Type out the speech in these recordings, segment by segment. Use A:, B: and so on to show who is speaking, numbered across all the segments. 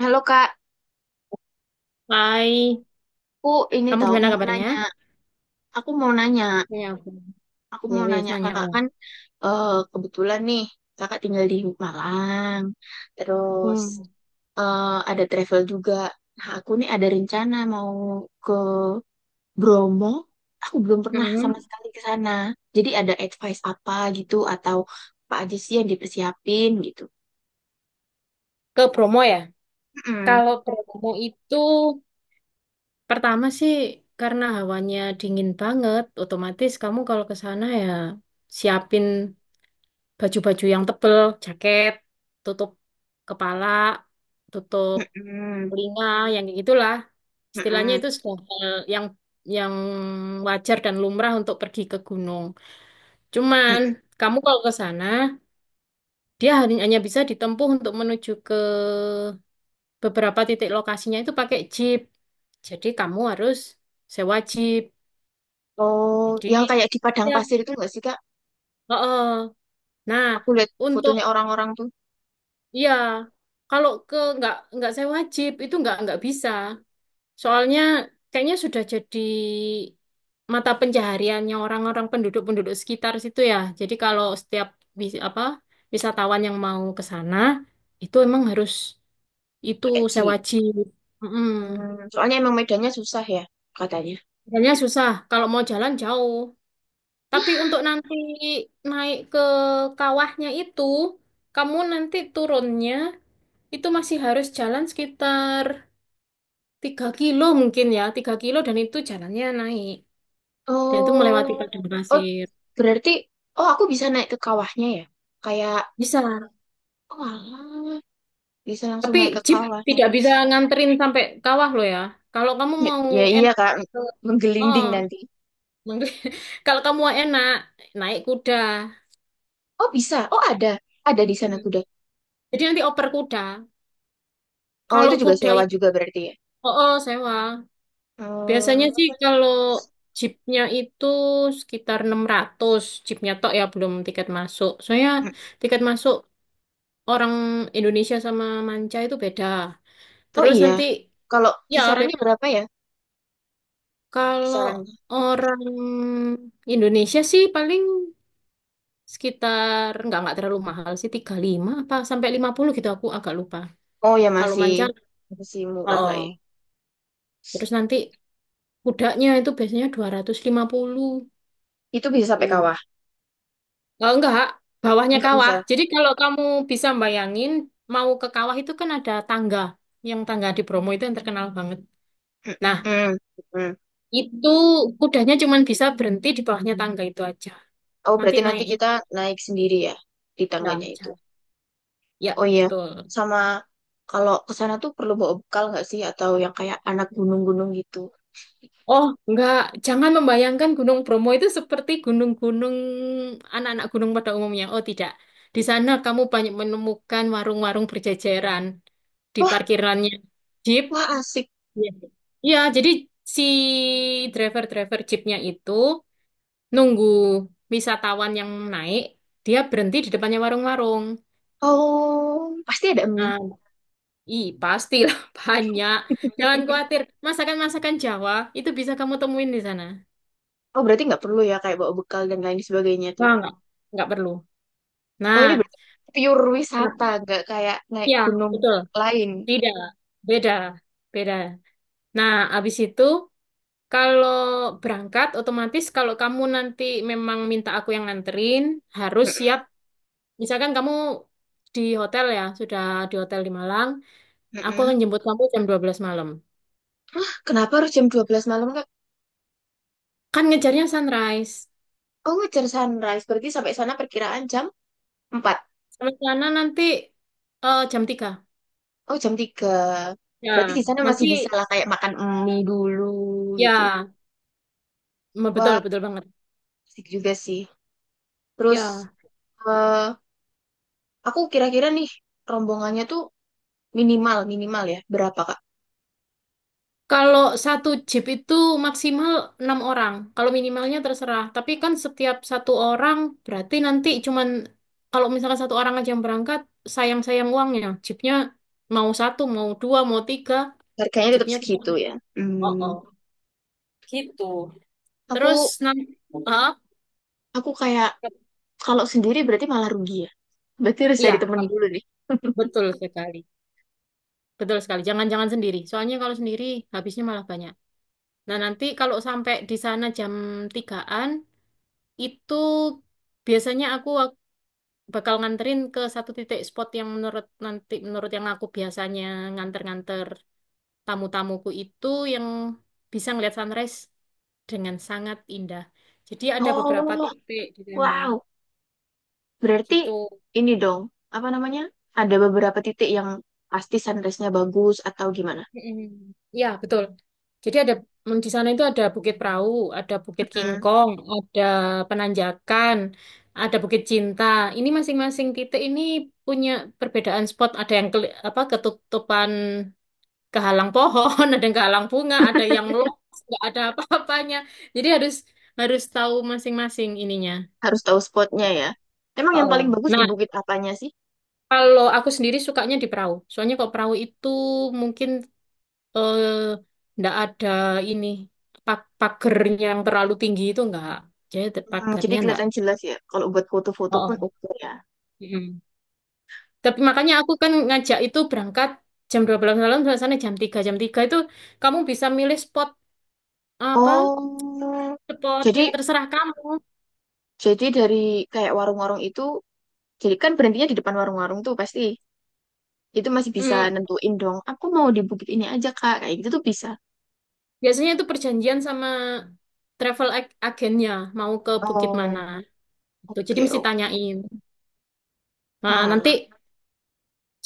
A: Halo Kak,
B: Hai,
A: Aku ini
B: kamu
A: tahu
B: gimana
A: mau
B: kabarnya?
A: nanya. Aku mau nanya,
B: Ya, aku.
A: aku
B: Ya,
A: mau
B: wis
A: nanya
B: nanya.
A: Kakak
B: Oh.
A: kan, eh, kebetulan nih Kakak tinggal di Malang. Terus,
B: Hmm.
A: eh, ada travel juga. Nah, aku nih ada rencana mau ke Bromo. Aku belum pernah
B: Mm-mm.
A: sama sekali ke sana. Jadi ada advice apa gitu atau apa aja sih yang dipersiapin gitu.
B: Ke Bromo ya?
A: Mm-mm,
B: Kalau Bromo itu pertama sih karena hawanya dingin banget, otomatis kamu kalau ke sana ya siapin baju-baju yang tebel, jaket, tutup kepala, tutup
A: mm-mm,
B: telinga, yang kayak gitulah. Istilahnya
A: mm-mm.
B: itu sudah hal yang wajar dan lumrah untuk pergi ke gunung. Cuman kamu kalau ke sana dia hanya hanya bisa ditempuh untuk menuju ke beberapa titik lokasinya itu pakai jeep. Jadi kamu harus sewa jeep.
A: Oh,
B: Jadi
A: yang kayak di Padang
B: ya,
A: Pasir itu nggak sih, Kak?
B: heeh. Nah,
A: Aku lihat
B: untuk
A: fotonya orang-orang tuh
B: ya kalau ke nggak sewa jeep itu nggak bisa. Soalnya kayaknya sudah jadi mata pencahariannya orang-orang penduduk-penduduk sekitar situ ya. Jadi kalau setiap wis- apa wisatawan yang mau ke sana itu emang harus itu
A: pakai
B: sewa
A: jeep.
B: jeep. Mm-mm.
A: Hmm, soalnya emang medannya susah ya katanya.
B: Jalannya susah kalau mau jalan jauh. Tapi untuk nanti naik ke kawahnya itu, kamu nanti turunnya itu masih harus jalan sekitar 3 kilo mungkin ya, 3 kilo dan itu jalannya naik. Dan itu melewati
A: Oh,
B: padang
A: oh,
B: pasir.
A: berarti, oh, aku bisa naik ke kawahnya ya? Kayak,
B: Bisa.
A: oh alah, bisa langsung
B: Tapi
A: naik ke
B: jeep
A: kawahnya.
B: tidak bisa nganterin sampai kawah loh ya. Kalau kamu
A: Ya,
B: mau
A: ya iya
B: enak,
A: Kak,
B: ke- oh,
A: menggelinding nanti.
B: kalau kamu mau enak, naik kuda.
A: Oh bisa. Oh ada. Ada di sana
B: Hmm.
A: kuda.
B: Jadi nanti oper kuda.
A: Oh itu
B: Kalau
A: juga
B: kuda
A: sewa
B: itu,
A: juga berarti ya.
B: oh, oh, sewa. Biasanya
A: Hmm.
B: sih kalau jeepnya itu sekitar 600. Jeepnya tok ya, belum tiket masuk. Soalnya
A: Hmm.
B: tiket masuk orang Indonesia sama manca itu beda.
A: Oh
B: Terus
A: iya.
B: nanti,
A: Kalau
B: ya
A: kisarannya berapa ya?
B: kalau
A: Kisarannya.
B: orang Indonesia sih paling sekitar nggak terlalu mahal sih 35 apa sampai 50 gitu aku agak lupa.
A: Oh ya,
B: Kalau
A: masih
B: manja
A: masih
B: oh,
A: murah lah ya.
B: oh. Terus nanti kudanya itu biasanya 250
A: Itu bisa sampai
B: tuh.
A: kawah.
B: Oh, enggak, bawahnya
A: Enggak
B: kawah.
A: bisa.
B: Jadi kalau kamu bisa bayangin mau ke kawah itu kan ada tangga. Yang tangga di Bromo itu yang terkenal banget. Nah,
A: Mm, mm.
B: itu kudanya cuma bisa berhenti di bawahnya tangga itu aja.
A: Oh,
B: Nanti
A: berarti nanti kita
B: naiknya
A: naik sendiri ya di
B: ya,
A: tangganya itu.
B: jalan. Ya,
A: Oh iya,
B: betul.
A: sama kalau ke sana tuh perlu bawa bekal nggak sih? Atau yang kayak anak gunung-gunung gitu.
B: Oh, enggak. Jangan membayangkan Gunung Bromo itu seperti gunung-gunung anak-anak gunung pada umumnya. Oh, tidak. Di sana kamu banyak menemukan warung-warung berjajaran di
A: Wah,
B: parkirannya jeep.
A: wah asik.
B: Iya, iya, jadi si driver-driver jeepnya itu nunggu wisatawan yang naik, dia berhenti di depannya warung-warung.
A: Oh, pasti ada mie.
B: Nah, i pastilah banyak. Jangan khawatir, masakan-masakan Jawa itu bisa kamu temuin di sana.
A: Oh, berarti nggak perlu ya kayak bawa bekal dan lain sebagainya tuh.
B: Wah, enggak perlu.
A: Oh,
B: Nah,
A: ini berarti pure wisata,
B: kenapa?
A: nggak kayak naik
B: Ya,
A: gunung
B: betul.
A: lain.
B: Tidak, beda, beda. Nah, abis itu kalau berangkat otomatis kalau kamu nanti memang minta aku yang nganterin, harus siap.
A: Mm-mm,
B: Misalkan kamu di hotel ya, sudah di hotel di Malang, aku
A: mm-mm.
B: akan jemput kamu jam 12 malam.
A: Hah, kenapa harus jam 12 malam, Kak?
B: Kan ngejarnya sunrise.
A: Oh, ngejar sunrise. Berarti sampai sana perkiraan jam 4.
B: Sampai sana nanti jam 3.
A: Oh, jam 3. Berarti
B: Ya,
A: di sana masih
B: nanti
A: bisa lah kayak makan mie dulu, gitu.
B: ya, betul,
A: Wah,
B: betul banget.
A: asik juga sih. Terus,
B: Ya,
A: eh aku kira-kira nih, rombongannya tuh minimal minimal ya berapa, Kak?
B: kalau satu jeep itu maksimal 6 orang. Kalau minimalnya terserah. Tapi kan setiap satu orang berarti nanti cuman kalau misalkan satu orang aja yang berangkat, sayang-sayang uangnya. Jeepnya mau satu, mau dua, mau tiga,
A: Harganya tetap
B: jeepnya tetap.
A: segitu ya.
B: Oh, oh.
A: Hmm,
B: Gitu. Terus
A: aku
B: nanti, ah,
A: aku kayak kalau sendiri berarti malah rugi ya. Berarti harus cari
B: iya,
A: temen dulu nih.
B: betul sekali, betul sekali. Jangan-jangan sendiri. Soalnya kalau sendiri habisnya malah banyak. Nah nanti kalau sampai di sana jam tigaan itu biasanya aku bakal nganterin ke satu titik spot yang menurut nanti menurut yang aku biasanya nganter-nganter tamu-tamuku itu yang bisa ngeliat sunrise dengan sangat indah. Jadi ada beberapa
A: Oh,
B: titik di sana
A: wow. Berarti
B: gitu.
A: ini dong, apa namanya? Ada beberapa titik yang pasti sunrise-nya bagus atau gimana?
B: Mm-mm. Ya, betul. Jadi ada di sana itu ada Bukit Perahu, ada Bukit Kingkong, ada Penanjakan, ada Bukit Cinta. Ini masing-masing titik ini punya perbedaan spot. Ada yang keli- apa ketutupan kehalang pohon, ada yang kehalang bunga, ada yang lost, nggak ada apa-apanya. Jadi harus harus tahu masing-masing ininya.
A: Harus tahu spotnya ya. Emang yang paling
B: Oh.
A: bagus di
B: Nah,
A: bukit apanya sih?
B: kalau aku sendiri sukanya di perahu. Soalnya kalau perahu itu mungkin eh, nggak ada ini pagernya yang terlalu tinggi itu nggak. Jadi
A: Hmm, jadi
B: pagarnya nggak.
A: kelihatan jelas ya. Kalau buat foto-foto pun
B: Oh.
A: oke ya.
B: Mm. Tapi makanya aku kan ngajak itu berangkat jam 12 malam sampai sana jam 3. Jam 3 itu kamu bisa milih spot apa?
A: Oh,
B: Spot
A: jadi
B: yang terserah kamu.
A: jadi dari kayak warung-warung itu, jadi kan berhentinya di depan warung-warung tuh pasti. Itu masih bisa nentuin dong. Aku mau di bukit ini aja Kak, kayak gitu tuh bisa.
B: Biasanya itu perjanjian sama travel agennya mau ke bukit mana.
A: Oh,
B: Gitu. Jadi
A: oke,
B: mesti
A: oke.
B: tanyain. Nah,
A: Wah.
B: nanti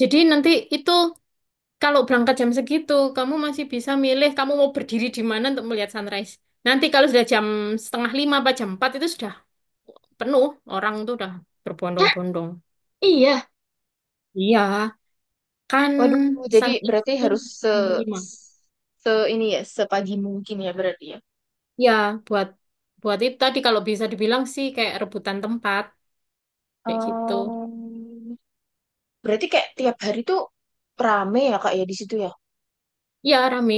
B: jadi nanti itu kalau berangkat jam segitu, kamu masih bisa milih kamu mau berdiri di mana untuk melihat sunrise. Nanti kalau sudah jam setengah lima apa jam 4 itu sudah penuh orang tuh udah
A: Hah,
B: berbondong-bondong.
A: iya.
B: Iya, kan
A: Waduh, jadi
B: sunrise
A: berarti
B: itu
A: harus se,
B: jam 5.
A: se ini ya, sepagi mungkin ya berarti ya.
B: Ya, buat buat itu tadi kalau bisa dibilang sih kayak rebutan tempat kayak gitu.
A: Oh. Berarti kayak tiap hari tuh rame ya kak ya di situ ya.
B: Iya, rame.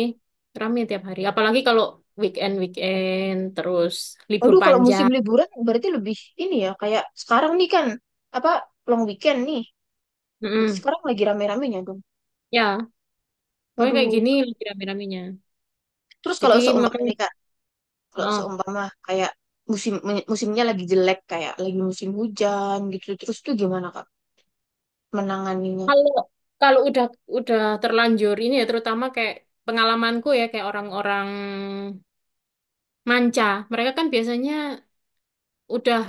B: Rame tiap hari. Apalagi kalau weekend-weekend, terus libur
A: Aduh, kalau musim
B: panjang.
A: liburan berarti lebih ini ya, kayak sekarang nih kan, apa, long weekend nih. Berarti
B: Mm-mm.
A: sekarang lagi rame-ramenya dong.
B: Ya, pokoknya kayak
A: Waduh.
B: gini lagi rame-ramenya.
A: Terus, kalau
B: Jadi
A: seumpama
B: makanya,
A: nih kak, kalau
B: oh,
A: seumpama kayak musim musimnya lagi jelek, kayak lagi musim hujan gitu terus tuh, gimana kak menanganinya?
B: kalau kalau udah terlanjur ini ya, terutama kayak pengalamanku ya, kayak orang-orang manca. Mereka kan biasanya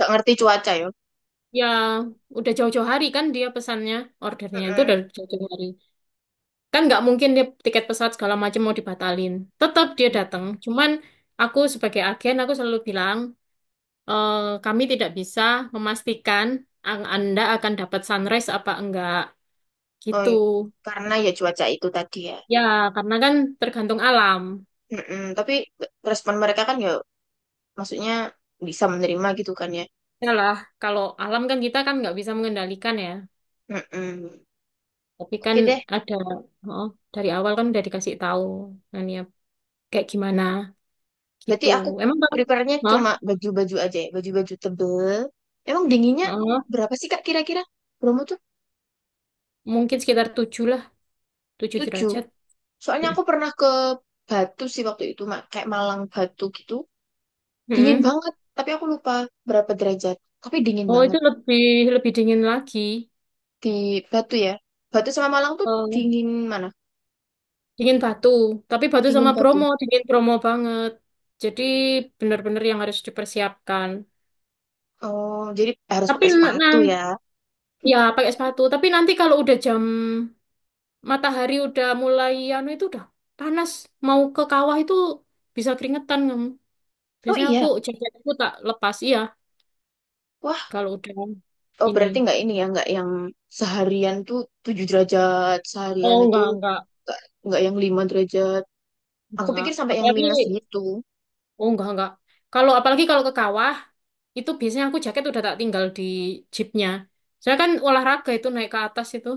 A: Gak ngerti cuaca ya.
B: ya udah jauh-jauh hari kan dia pesannya, ordernya itu
A: Mm-mm.
B: udah jauh-jauh hari. Kan nggak mungkin dia tiket pesawat segala macam mau dibatalin. Tetap dia datang. Cuman aku sebagai agen aku selalu bilang, "Eh, kami tidak bisa memastikan Anda akan dapat sunrise apa enggak.
A: Oh,
B: Gitu.
A: iya, karena ya cuaca itu tadi ya.
B: Ya, karena kan tergantung alam.
A: Mm-mm. Tapi respon mereka kan ya, maksudnya bisa menerima gitu kan ya.
B: Ya lah, kalau alam kan kita kan nggak bisa mengendalikan ya.
A: Mm-mm.
B: Tapi kan
A: Oke deh,
B: ada, oh, dari awal kan udah dikasih tahu kan ya kayak gimana
A: berarti
B: gitu.
A: aku
B: Emang kan,
A: prepare-nya cuma
B: oh,
A: baju-baju aja ya, baju-baju tebel. Emang dinginnya
B: oh,
A: berapa sih Kak kira-kira? Bromo tuh
B: mungkin sekitar 7 lah, 7
A: tujuh.
B: derajat.
A: Soalnya
B: Hmm.
A: aku pernah ke Batu sih waktu itu, Mak. Kayak Malang Batu gitu. Dingin
B: Hmm.
A: banget, tapi aku lupa berapa derajat. Tapi dingin
B: Oh, itu
A: banget
B: lebih lebih dingin lagi.
A: di Batu ya. Batu sama Malang tuh
B: Oh,
A: dingin mana?
B: dingin Batu. Tapi Batu sama
A: Dingin
B: Bromo,
A: Batu.
B: dingin Bromo banget. Jadi benar-benar yang harus dipersiapkan.
A: Oh, jadi harus
B: Tapi
A: pakai sepatu ya.
B: nanti ya pakai sepatu. Tapi nanti kalau udah jam matahari udah mulai anu itu udah panas. Mau ke kawah itu bisa keringetan kamu.
A: Oh
B: Biasanya aku
A: iya,
B: jaketku tak lepas iya
A: wah.
B: kalau udah
A: Oh,
B: ini.
A: berarti nggak ini ya, nggak yang seharian tuh 7 derajat, seharian
B: Oh
A: itu
B: enggak
A: nggak nggak yang 5 derajat. Aku
B: enggak.
A: pikir sampai yang
B: Apalagi
A: minus gitu.
B: oh enggak enggak. Kalau apalagi kalau ke kawah itu biasanya aku jaket udah tak tinggal di jeepnya. Soalnya kan olahraga itu naik ke atas itu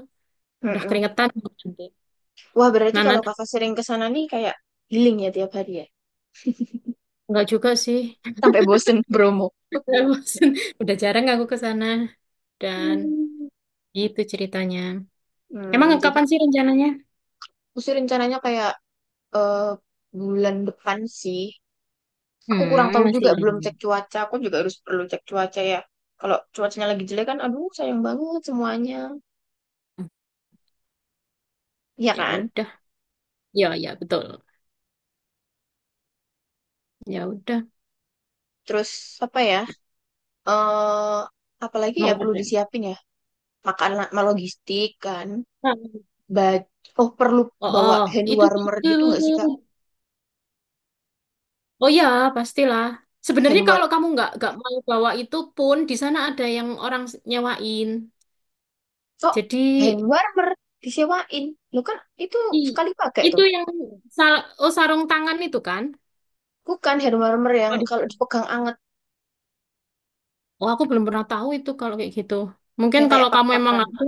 B: udah
A: Mm-mm.
B: keringetan nanti.
A: Wah, berarti
B: Nah,
A: kalau
B: nanti
A: kakak sering ke sana nih, kayak healing ya tiap hari ya.
B: nggak juga sih.
A: Sampai bosen Bromo.
B: Bosen. Udah jarang aku ke sana dan
A: Hmm.
B: itu ceritanya. Emang
A: Hmm, jadi
B: kapan sih rencananya?
A: aku sih rencananya kayak, eh, bulan depan sih. Aku kurang
B: Hmm,
A: tahu
B: masih
A: juga, belum
B: lama.
A: cek cuaca. Aku juga harus perlu cek cuaca ya. Kalau cuacanya lagi jelek kan, aduh sayang banget semuanya. Iya
B: Ya
A: kan?
B: udah. Ya, ya betul. Ya udah.
A: Terus apa ya? eh Apalagi
B: Mau
A: ya perlu
B: ada.
A: disiapin ya, makanan sama logistik kan.
B: Hmm.
A: Ba- oh, perlu
B: Oh,
A: bawa
B: oh,
A: hand
B: itu
A: warmer
B: itu.
A: gitu nggak sih kak?
B: Oh ya, pastilah. Sebenarnya
A: Hand war
B: kalau kamu nggak mau bawa itu pun di sana ada yang orang nyewain.
A: Oh,
B: Jadi
A: hand warmer disewain lu kan, itu
B: ih,
A: sekali pakai
B: itu
A: tuh,
B: yang sarung tangan itu kan?
A: bukan hand warmer yang
B: Waduh.
A: kalau dipegang anget,
B: Oh, aku belum pernah tahu itu kalau kayak gitu. Mungkin
A: yang
B: kalau
A: kayak
B: kamu emang
A: pak-pakan.
B: ada,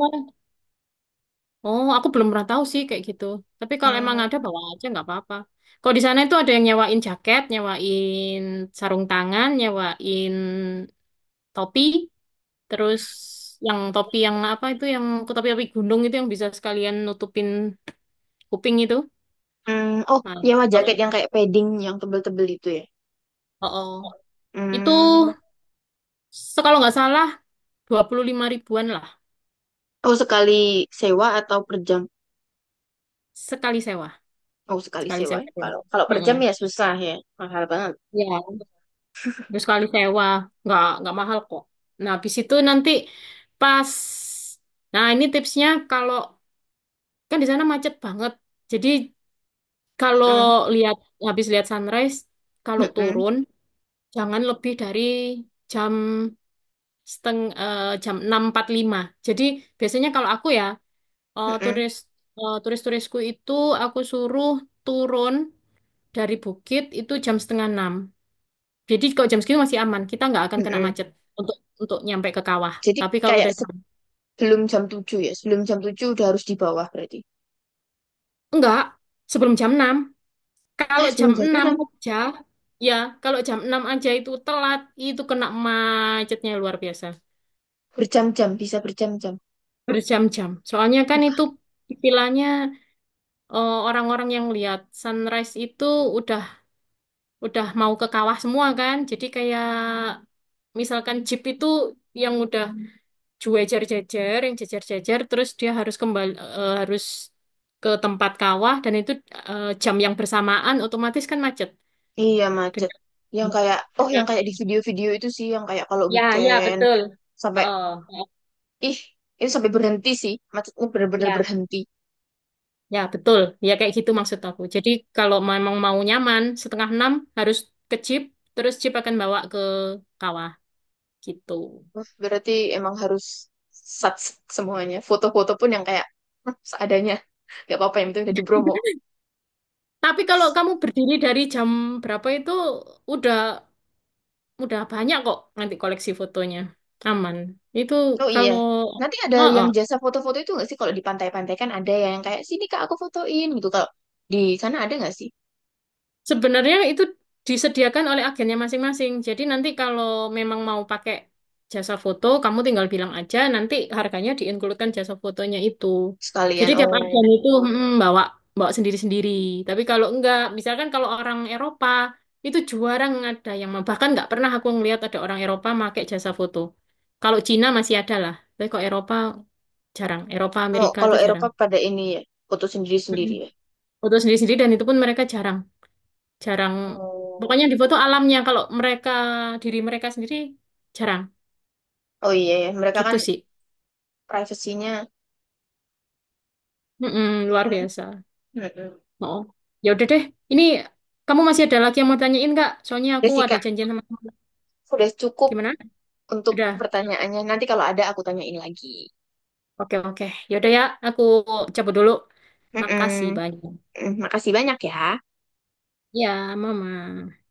B: oh aku belum pernah tahu sih kayak gitu. Tapi kalau emang ada
A: Hmm,
B: bawa aja nggak apa-apa. Kalau di sana itu ada yang nyewain jaket, nyewain sarung tangan, nyewain topi, terus yang topi yang apa itu yang topi-topi gunung itu yang bisa sekalian nutupin kuping itu.
A: hmm, oh,
B: Nah,
A: nyewa
B: kalau
A: jaket yang kayak padding yang tebel-tebel itu ya?
B: oh, oh, itu
A: Hmm,
B: kalau nggak salah 25 ribuan lah.
A: oh, sekali sewa atau per jam?
B: Sekali sewa,
A: Oh, sekali
B: sekali
A: sewa
B: sewa.
A: ya.
B: Boleh.
A: Kalau kalau per jam ya
B: Mm-mm.
A: susah ya, mahal banget.
B: Ya, terus sekali sewa, nggak mahal kok. Nah, habis itu nanti pas, nah ini tipsnya kalau kan di sana macet banget. Jadi kalau
A: Hmm.
B: lihat habis lihat sunrise, kalau
A: Mm-mm.
B: turun jangan lebih dari jam jam 06.45. Jadi biasanya kalau aku ya eh,
A: Mm-mm,
B: turis turis-turisku itu aku suruh turun dari bukit itu jam setengah enam. Jadi kalau jam segini masih aman, kita nggak akan kena
A: mm-mm.
B: macet untuk untuk nyampe ke kawah.
A: Jadi
B: Tapi kalau
A: kayak
B: udah jam,
A: sebelum jam 7 ya, sebelum jam 7 udah harus di bawah berarti.
B: enggak, sebelum jam 6.
A: Ah,
B: Kalau jam
A: sebelum jam
B: 6
A: enam
B: aja, ya kalau jam 6 aja itu telat, itu kena macetnya luar biasa.
A: Berjam-jam, bisa berjam-jam.
B: Berjam-jam. Soalnya kan itu istilahnya orang-orang yang lihat sunrise itu udah udah mau ke kawah semua kan. Jadi kayak misalkan jeep itu yang udah gue jejer-jejer, yang jejer-jejer, terus dia harus kembali eh, harus ke tempat kawah dan itu jam yang bersamaan otomatis kan macet.
A: Iya macet.
B: Dengan,
A: Yang kayak, oh, yang
B: dengan
A: kayak di video-video itu sih, yang kayak kalau
B: ya ya
A: weekend
B: betul.
A: sampai,
B: Oh, oh,
A: ih, itu sampai berhenti sih, macetnya bener-bener
B: ya
A: berhenti.
B: ya betul. Ya kayak gitu maksud aku. Jadi kalau memang mau nyaman setengah enam harus ke jeep, terus jeep akan bawa ke kawah gitu.
A: Wah. Berarti emang harus sat semuanya. Foto-foto pun yang kayak, "Hah, seadanya. Gak apa-apa, yang penting udah di Bromo."
B: Tapi kalau kamu berdiri dari jam berapa itu udah Udah banyak kok nanti koleksi fotonya. Aman. Itu
A: Oh iya.
B: kalau
A: Nanti ada
B: oh,
A: yang
B: oh.
A: jasa foto-foto itu nggak sih? Kalau di pantai-pantai kan ada yang kayak, "Sini kak, aku fotoin," gitu. Kalau di sana ada nggak sih?
B: Sebenarnya itu disediakan oleh agennya masing-masing. Jadi nanti kalau memang mau pakai jasa foto, kamu tinggal bilang aja, nanti harganya diinkludkan jasa fotonya itu. Jadi
A: Sekalian,
B: tiap
A: oh.
B: agen itu bawa bawa sendiri-sendiri. Tapi kalau enggak, misalkan kalau orang Eropa itu jarang ada yang mau. Bahkan nggak pernah aku ngelihat ada orang Eropa pakai jasa foto. Kalau Cina masih ada lah, tapi kok Eropa jarang. Eropa,
A: Oh,
B: Amerika
A: kalau
B: itu
A: Eropa
B: jarang.
A: pada ini ya, foto
B: Mm-mm.
A: sendiri-sendiri ya.
B: Foto sendiri-sendiri dan itu pun mereka jarang. Jarang.
A: Oh,
B: Pokoknya di foto alamnya kalau mereka diri mereka sendiri jarang.
A: oh iya ya. Mereka
B: Gitu
A: kan
B: sih.
A: privasinya,
B: Mm-mm,
A: ya
B: luar
A: kan.
B: biasa.
A: Mm-mm.
B: Oh. Ya udah deh. Ini kamu masih ada lagi yang mau tanyain nggak? Soalnya
A: Udah
B: aku
A: sih
B: ada
A: kak,
B: janjian sama teman.
A: udah cukup
B: Gimana?
A: untuk
B: Sudah.
A: pertanyaannya. Nanti kalau ada aku tanyain lagi.
B: Oke, oke. Ya udah ya, aku cabut dulu. Makasih
A: Mm-mm.
B: banyak.
A: Mm, makasih banyak ya.
B: Ya, Mama.